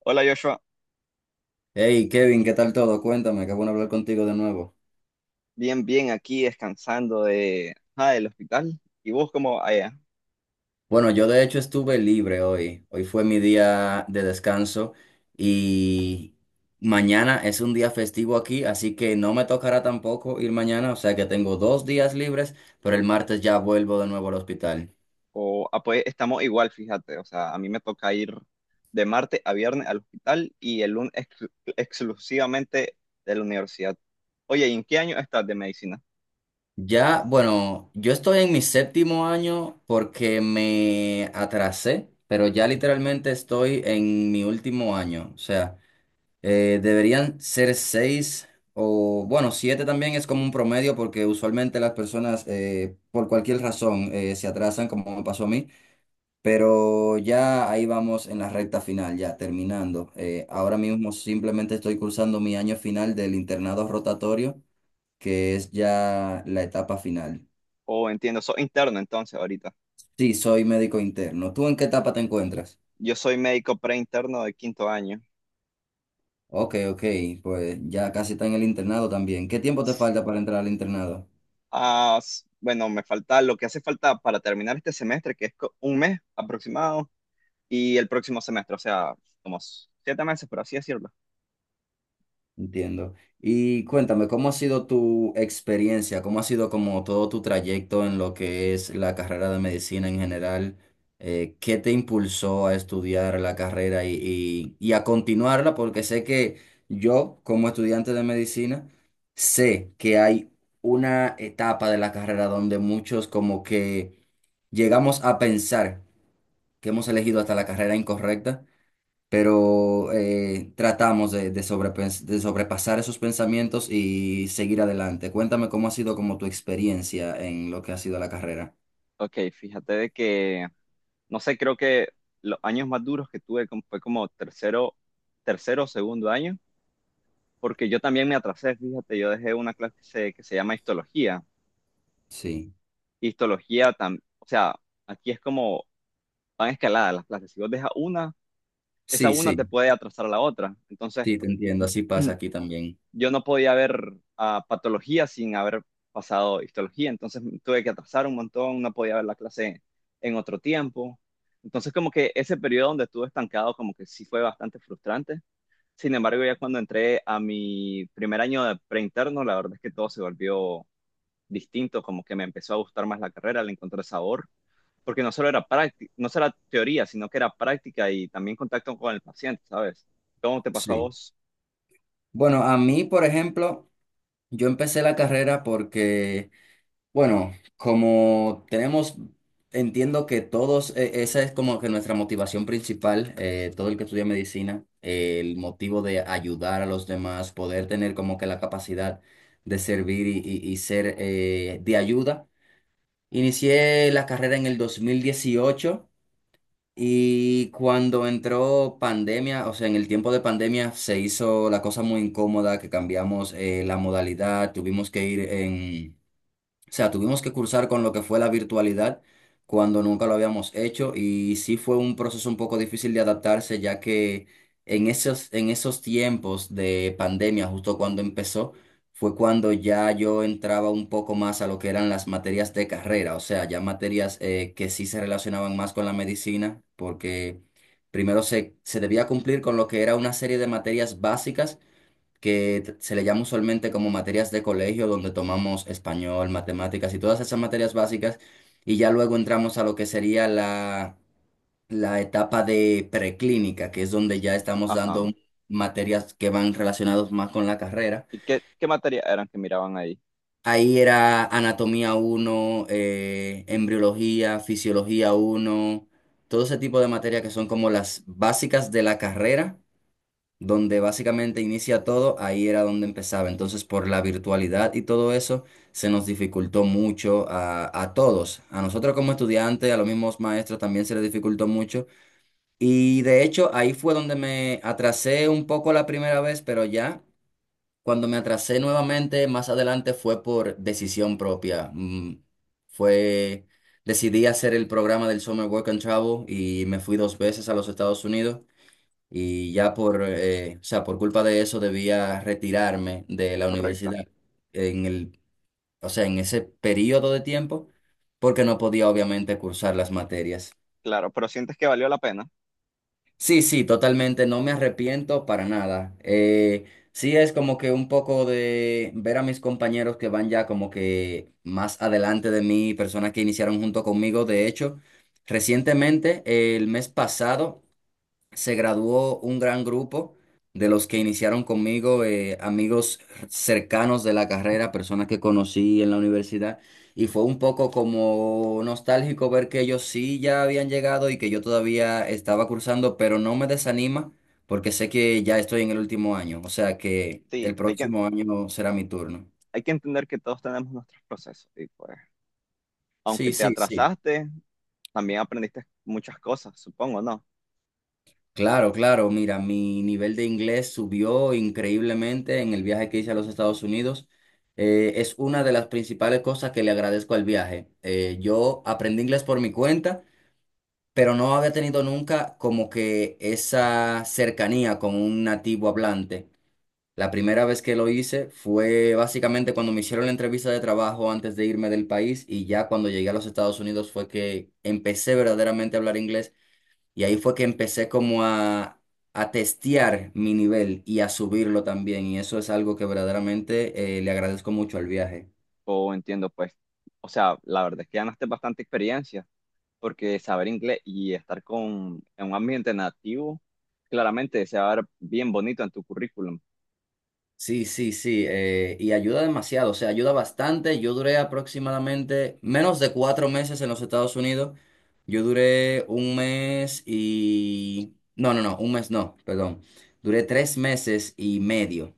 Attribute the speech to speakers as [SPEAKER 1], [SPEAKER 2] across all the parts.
[SPEAKER 1] Hola Joshua,
[SPEAKER 2] Hey Kevin, ¿qué tal todo? Cuéntame, qué bueno hablar contigo de nuevo.
[SPEAKER 1] bien, bien, aquí descansando del hospital. ¿Y vos cómo allá?
[SPEAKER 2] Bueno, yo de hecho estuve libre hoy. Hoy fue mi día de descanso y mañana es un día festivo aquí, así que no me tocará tampoco ir mañana, o sea que tengo dos días libres, pero el martes ya vuelvo de nuevo al hospital.
[SPEAKER 1] Pues estamos igual, fíjate, o sea, a mí me toca ir de martes a viernes al hospital y el lunes exclusivamente de la universidad. Oye, ¿y en qué año estás de medicina?
[SPEAKER 2] Ya, bueno, yo estoy en mi séptimo año porque me atrasé, pero ya literalmente estoy en mi último año, o sea. Deberían ser seis o, bueno, siete también es como un promedio porque usualmente las personas por cualquier razón se atrasan, como me pasó a mí, pero ya ahí vamos en la recta final, ya terminando.
[SPEAKER 1] O,
[SPEAKER 2] Ahora mismo simplemente estoy cursando mi año final del internado rotatorio, que es ya la etapa final.
[SPEAKER 1] o entiendo, sos interno entonces ahorita.
[SPEAKER 2] Sí, soy médico interno. ¿Tú en qué etapa te encuentras?
[SPEAKER 1] Yo soy médico preinterno de quinto año.
[SPEAKER 2] Ok, ok, pues ya casi está en el internado también. ¿Qué tiempo te falta para entrar al internado?
[SPEAKER 1] Bueno, me falta lo que hace falta para terminar este semestre, que es un mes aproximado y el próximo semestre, o sea, como siete meses, por así decirlo.
[SPEAKER 2] Entiendo. Y cuéntame, ¿cómo ha sido tu experiencia? ¿Cómo ha sido como todo tu trayecto en lo que es la carrera de medicina en general? ¿Qué te impulsó a estudiar la carrera y, y a continuarla? Porque sé que yo, como estudiante de medicina, sé que hay una etapa de la carrera donde muchos como que llegamos a pensar que hemos elegido hasta la carrera incorrecta pero tratamos de de sobrepasar esos pensamientos y seguir adelante. Cuéntame cómo ha sido como tu experiencia en lo que ha sido la carrera.
[SPEAKER 1] Ok, fíjate de que, no sé, creo que los años más duros que tuve fue como tercero, tercero o segundo año, porque yo también me atrasé, fíjate, yo dejé una clase que se llama histología.
[SPEAKER 2] Sí,
[SPEAKER 1] Histología, o sea, aquí es como van escaladas las clases. Si vos dejas una, esa
[SPEAKER 2] sí,
[SPEAKER 1] una te
[SPEAKER 2] sí,
[SPEAKER 1] puede atrasar a la otra. Entonces,
[SPEAKER 2] sí, te entiendo, así pasa aquí también.
[SPEAKER 1] yo no podía ver a patología sin haber pasado histología, entonces tuve que atrasar un montón, no podía ver la clase en otro tiempo. Entonces como que ese periodo donde estuve estancado como que sí fue bastante frustrante. Sin embargo, ya cuando entré a mi primer año de preinterno, la verdad es que todo se volvió distinto, como que me empezó a gustar más la carrera, le encontré sabor, porque no solo era práctica, no solo era teoría, sino que era práctica y también contacto con el paciente, ¿sabes? ¿Cómo te pasó a
[SPEAKER 2] Sí.
[SPEAKER 1] vos?
[SPEAKER 2] Bueno, a mí, por ejemplo, yo empecé la carrera porque... Bueno, como tenemos, entiendo que todos, esa es como que nuestra motivación principal, todo el que estudia medicina, el motivo de ayudar a los demás, poder tener como que la capacidad de servir y, y ser de ayuda. Inicié la carrera en el 2018 y cuando entró pandemia, o sea, en el tiempo de pandemia se hizo la cosa muy incómoda, que cambiamos la modalidad, tuvimos que ir en... O sea, tuvimos que cursar con lo que fue la virtualidad cuando nunca lo habíamos hecho y sí fue un proceso un poco difícil de adaptarse ya que en esos tiempos de pandemia, justo cuando empezó, fue cuando ya yo entraba un poco más a lo que eran las materias de carrera, o sea, ya materias que sí se relacionaban más con la medicina porque se debía cumplir con lo que era una serie de materias básicas que se le llama usualmente como materias de colegio, donde tomamos español, matemáticas y todas esas materias básicas, y ya luego entramos a lo que sería la, la etapa de preclínica, que es donde ya estamos
[SPEAKER 1] Ajá.
[SPEAKER 2] dando materias que van relacionadas más con la carrera.
[SPEAKER 1] ¿Y qué materias eran que miraban ahí?
[SPEAKER 2] Ahí era anatomía uno embriología, fisiología uno todo ese tipo de materias que son como las básicas de la carrera donde básicamente inicia todo, ahí era donde empezaba. Entonces, por la virtualidad y todo eso, se nos dificultó mucho a todos. A nosotros como estudiantes, a los mismos maestros también se les dificultó mucho. Y de hecho, ahí fue donde me atrasé un poco la primera vez, pero ya cuando me atrasé nuevamente, más adelante fue por decisión propia. Fue... Decidí hacer el programa del Summer Work and Travel y me fui dos veces a los Estados Unidos y ya por, o sea, por culpa de eso debía retirarme de la
[SPEAKER 1] Correcto.
[SPEAKER 2] universidad en el, o sea, en ese periodo de tiempo, porque no podía obviamente cursar las materias.
[SPEAKER 1] Claro, pero sientes que valió la pena.
[SPEAKER 2] Sí, sí, totalmente, no me arrepiento para nada. Sí es como que un poco de ver a mis compañeros que van ya como que más adelante de mí, personas que iniciaron junto conmigo, de hecho. Recientemente, el mes pasado, se graduó un gran grupo de los que iniciaron conmigo, amigos cercanos de la carrera, personas que conocí en la universidad, y fue un poco como nostálgico ver que ellos sí ya habían llegado y que yo todavía estaba cursando, pero no me desanima porque sé que ya estoy en el último año, o sea que el
[SPEAKER 1] Sí,
[SPEAKER 2] próximo año será mi turno.
[SPEAKER 1] hay que entender que todos tenemos nuestros procesos. Y pues, aunque
[SPEAKER 2] Sí,
[SPEAKER 1] te
[SPEAKER 2] sí, sí.
[SPEAKER 1] atrasaste, también aprendiste muchas cosas, supongo, ¿no?
[SPEAKER 2] Claro, claro, mira, mi nivel de inglés subió increíblemente en el viaje que hice a los Estados Unidos. Es una de las principales cosas que le agradezco al viaje. Yo aprendí inglés por mi cuenta, pero no había tenido nunca como que esa cercanía con un nativo hablante. La primera vez que lo hice fue básicamente cuando me hicieron la entrevista de trabajo antes de irme del país y ya cuando llegué a los Estados Unidos fue que empecé verdaderamente a hablar inglés y ahí fue que empecé como a testear mi nivel y a subirlo también. Y eso es algo que verdaderamente le agradezco mucho al viaje.
[SPEAKER 1] O entiendo, pues. O sea, la verdad es que ganaste bastante experiencia, porque saber inglés y estar en un ambiente nativo, claramente se va a ver bien bonito en tu currículum.
[SPEAKER 2] Sí, sí, sí. Y ayuda demasiado, o sea, ayuda bastante. Yo duré aproximadamente menos de cuatro meses en los Estados Unidos. Yo duré un mes y... No, no, no, un mes no, perdón. Duré tres meses y medio.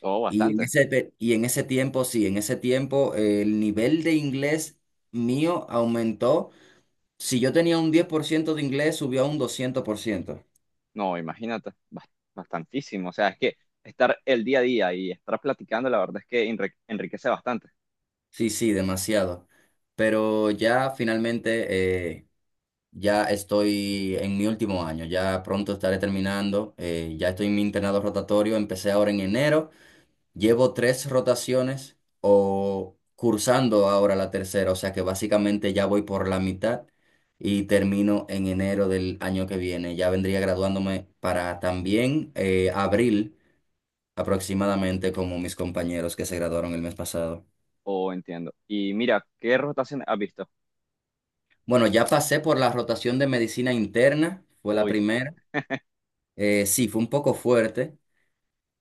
[SPEAKER 1] Todo
[SPEAKER 2] Y en
[SPEAKER 1] bastante.
[SPEAKER 2] ese, y en ese tiempo, sí, en ese tiempo el nivel de inglés mío aumentó. Si yo tenía un 10 por ciento de inglés, subió a un 200 por ciento.
[SPEAKER 1] No, imagínate, bastantísimo. O sea, es que estar el día a día y estar platicando, la verdad es que enriquece bastante.
[SPEAKER 2] Sí, sí, demasiado. Pero ya finalmente, eh, ya estoy en mi último año, ya pronto estaré terminando, ya estoy en mi internado rotatorio, empecé ahora en enero, llevo tres rotaciones o cursando ahora la tercera, o sea que básicamente ya voy por la mitad y termino en enero del año que viene, ya vendría graduándome para también abril. Aproximadamente como mis compañeros que se graduaron el mes pasado.
[SPEAKER 1] Oh, entiendo. Y mira, ¿qué rotación has visto?
[SPEAKER 2] Bueno, ya pasé por la rotación de medicina interna, fue la
[SPEAKER 1] Uy,
[SPEAKER 2] primera. Sí, fue un poco fuerte.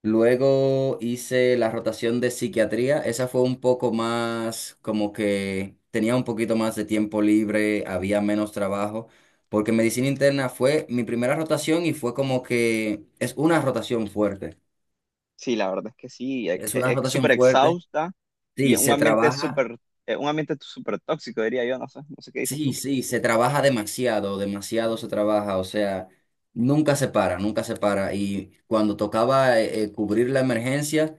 [SPEAKER 2] Luego hice la rotación de psiquiatría, esa fue un poco más como que tenía un poquito más de tiempo libre, había menos trabajo, porque medicina interna fue mi primera rotación y fue como que es una rotación fuerte.
[SPEAKER 1] sí, la verdad es que sí,
[SPEAKER 2] Es una
[SPEAKER 1] es
[SPEAKER 2] rotación
[SPEAKER 1] súper
[SPEAKER 2] fuerte.
[SPEAKER 1] exhausta y
[SPEAKER 2] Sí,
[SPEAKER 1] es un
[SPEAKER 2] se trabaja.
[SPEAKER 1] es un ambiente súper tóxico, diría yo, no sé, no sé qué dices
[SPEAKER 2] Sí,
[SPEAKER 1] tú.
[SPEAKER 2] sí, se trabaja demasiado, demasiado se trabaja, o sea, nunca se para, nunca se para. Y cuando tocaba cubrir la emergencia,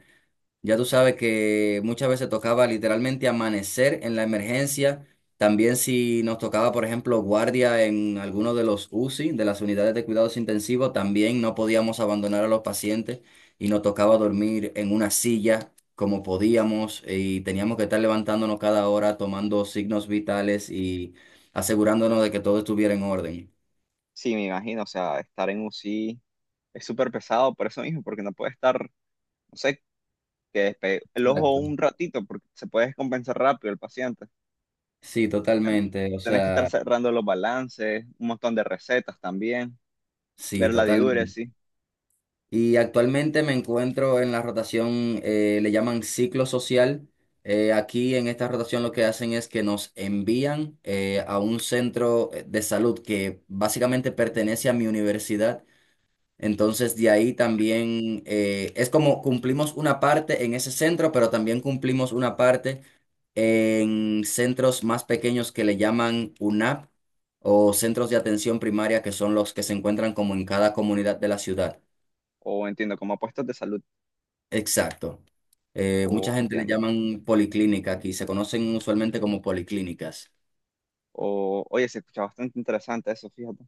[SPEAKER 2] ya tú sabes que muchas veces tocaba literalmente amanecer en la emergencia. También si nos tocaba, por ejemplo, guardia en alguno de los UCI, de las unidades de cuidados intensivos, también no podíamos abandonar a los pacientes y nos tocaba dormir en una silla como podíamos y teníamos que estar levantándonos cada hora, tomando signos vitales y asegurándonos de que todo estuviera en orden.
[SPEAKER 1] Sí, me imagino, o sea, estar en UCI es súper pesado por eso mismo, porque no puede estar, no sé, que despegue el ojo
[SPEAKER 2] Exacto.
[SPEAKER 1] un ratito, porque se puede descompensar rápido el paciente.
[SPEAKER 2] Sí, totalmente. O
[SPEAKER 1] Tenés que estar
[SPEAKER 2] sea,
[SPEAKER 1] cerrando los balances, un montón de recetas también,
[SPEAKER 2] sí,
[SPEAKER 1] ver la
[SPEAKER 2] totalmente.
[SPEAKER 1] diuresis,
[SPEAKER 2] Y actualmente me encuentro en la rotación, le llaman ciclo social. Aquí en esta rotación lo que hacen es que nos envían a un centro de salud que básicamente pertenece a mi universidad. Entonces de ahí también es como cumplimos una parte en ese centro, pero también cumplimos una parte en centros más pequeños que le llaman UNAP o centros de atención primaria que son los que se encuentran como en cada comunidad de la ciudad.
[SPEAKER 1] o entiendo, como puestos de salud,
[SPEAKER 2] Exacto.
[SPEAKER 1] o
[SPEAKER 2] Mucha gente le
[SPEAKER 1] entiendo.
[SPEAKER 2] llaman policlínica aquí, se conocen usualmente como policlínicas.
[SPEAKER 1] Oye, se escucha bastante interesante eso, fíjate.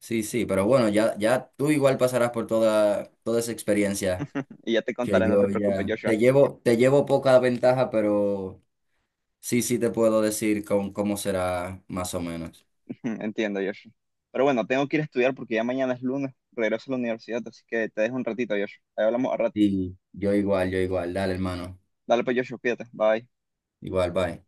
[SPEAKER 2] Sí, sí, pero bueno, ya, ya tú igual pasarás por toda, toda esa experiencia
[SPEAKER 1] Y ya te
[SPEAKER 2] que
[SPEAKER 1] contaré, no te
[SPEAKER 2] yo
[SPEAKER 1] preocupes,
[SPEAKER 2] ya
[SPEAKER 1] Joshua.
[SPEAKER 2] te llevo poca ventaja, pero sí, sí te puedo decir con, cómo será más o menos.
[SPEAKER 1] Entiendo, Joshua. Pero bueno, tengo que ir a estudiar porque ya mañana es lunes, regreso a la universidad, así que te dejo un ratito, Joshua. Ahí hablamos al rato.
[SPEAKER 2] Sí, yo igual, yo igual. Dale, hermano.
[SPEAKER 1] Dale pues, Joshua, cuídate. Bye.
[SPEAKER 2] Igual, bye.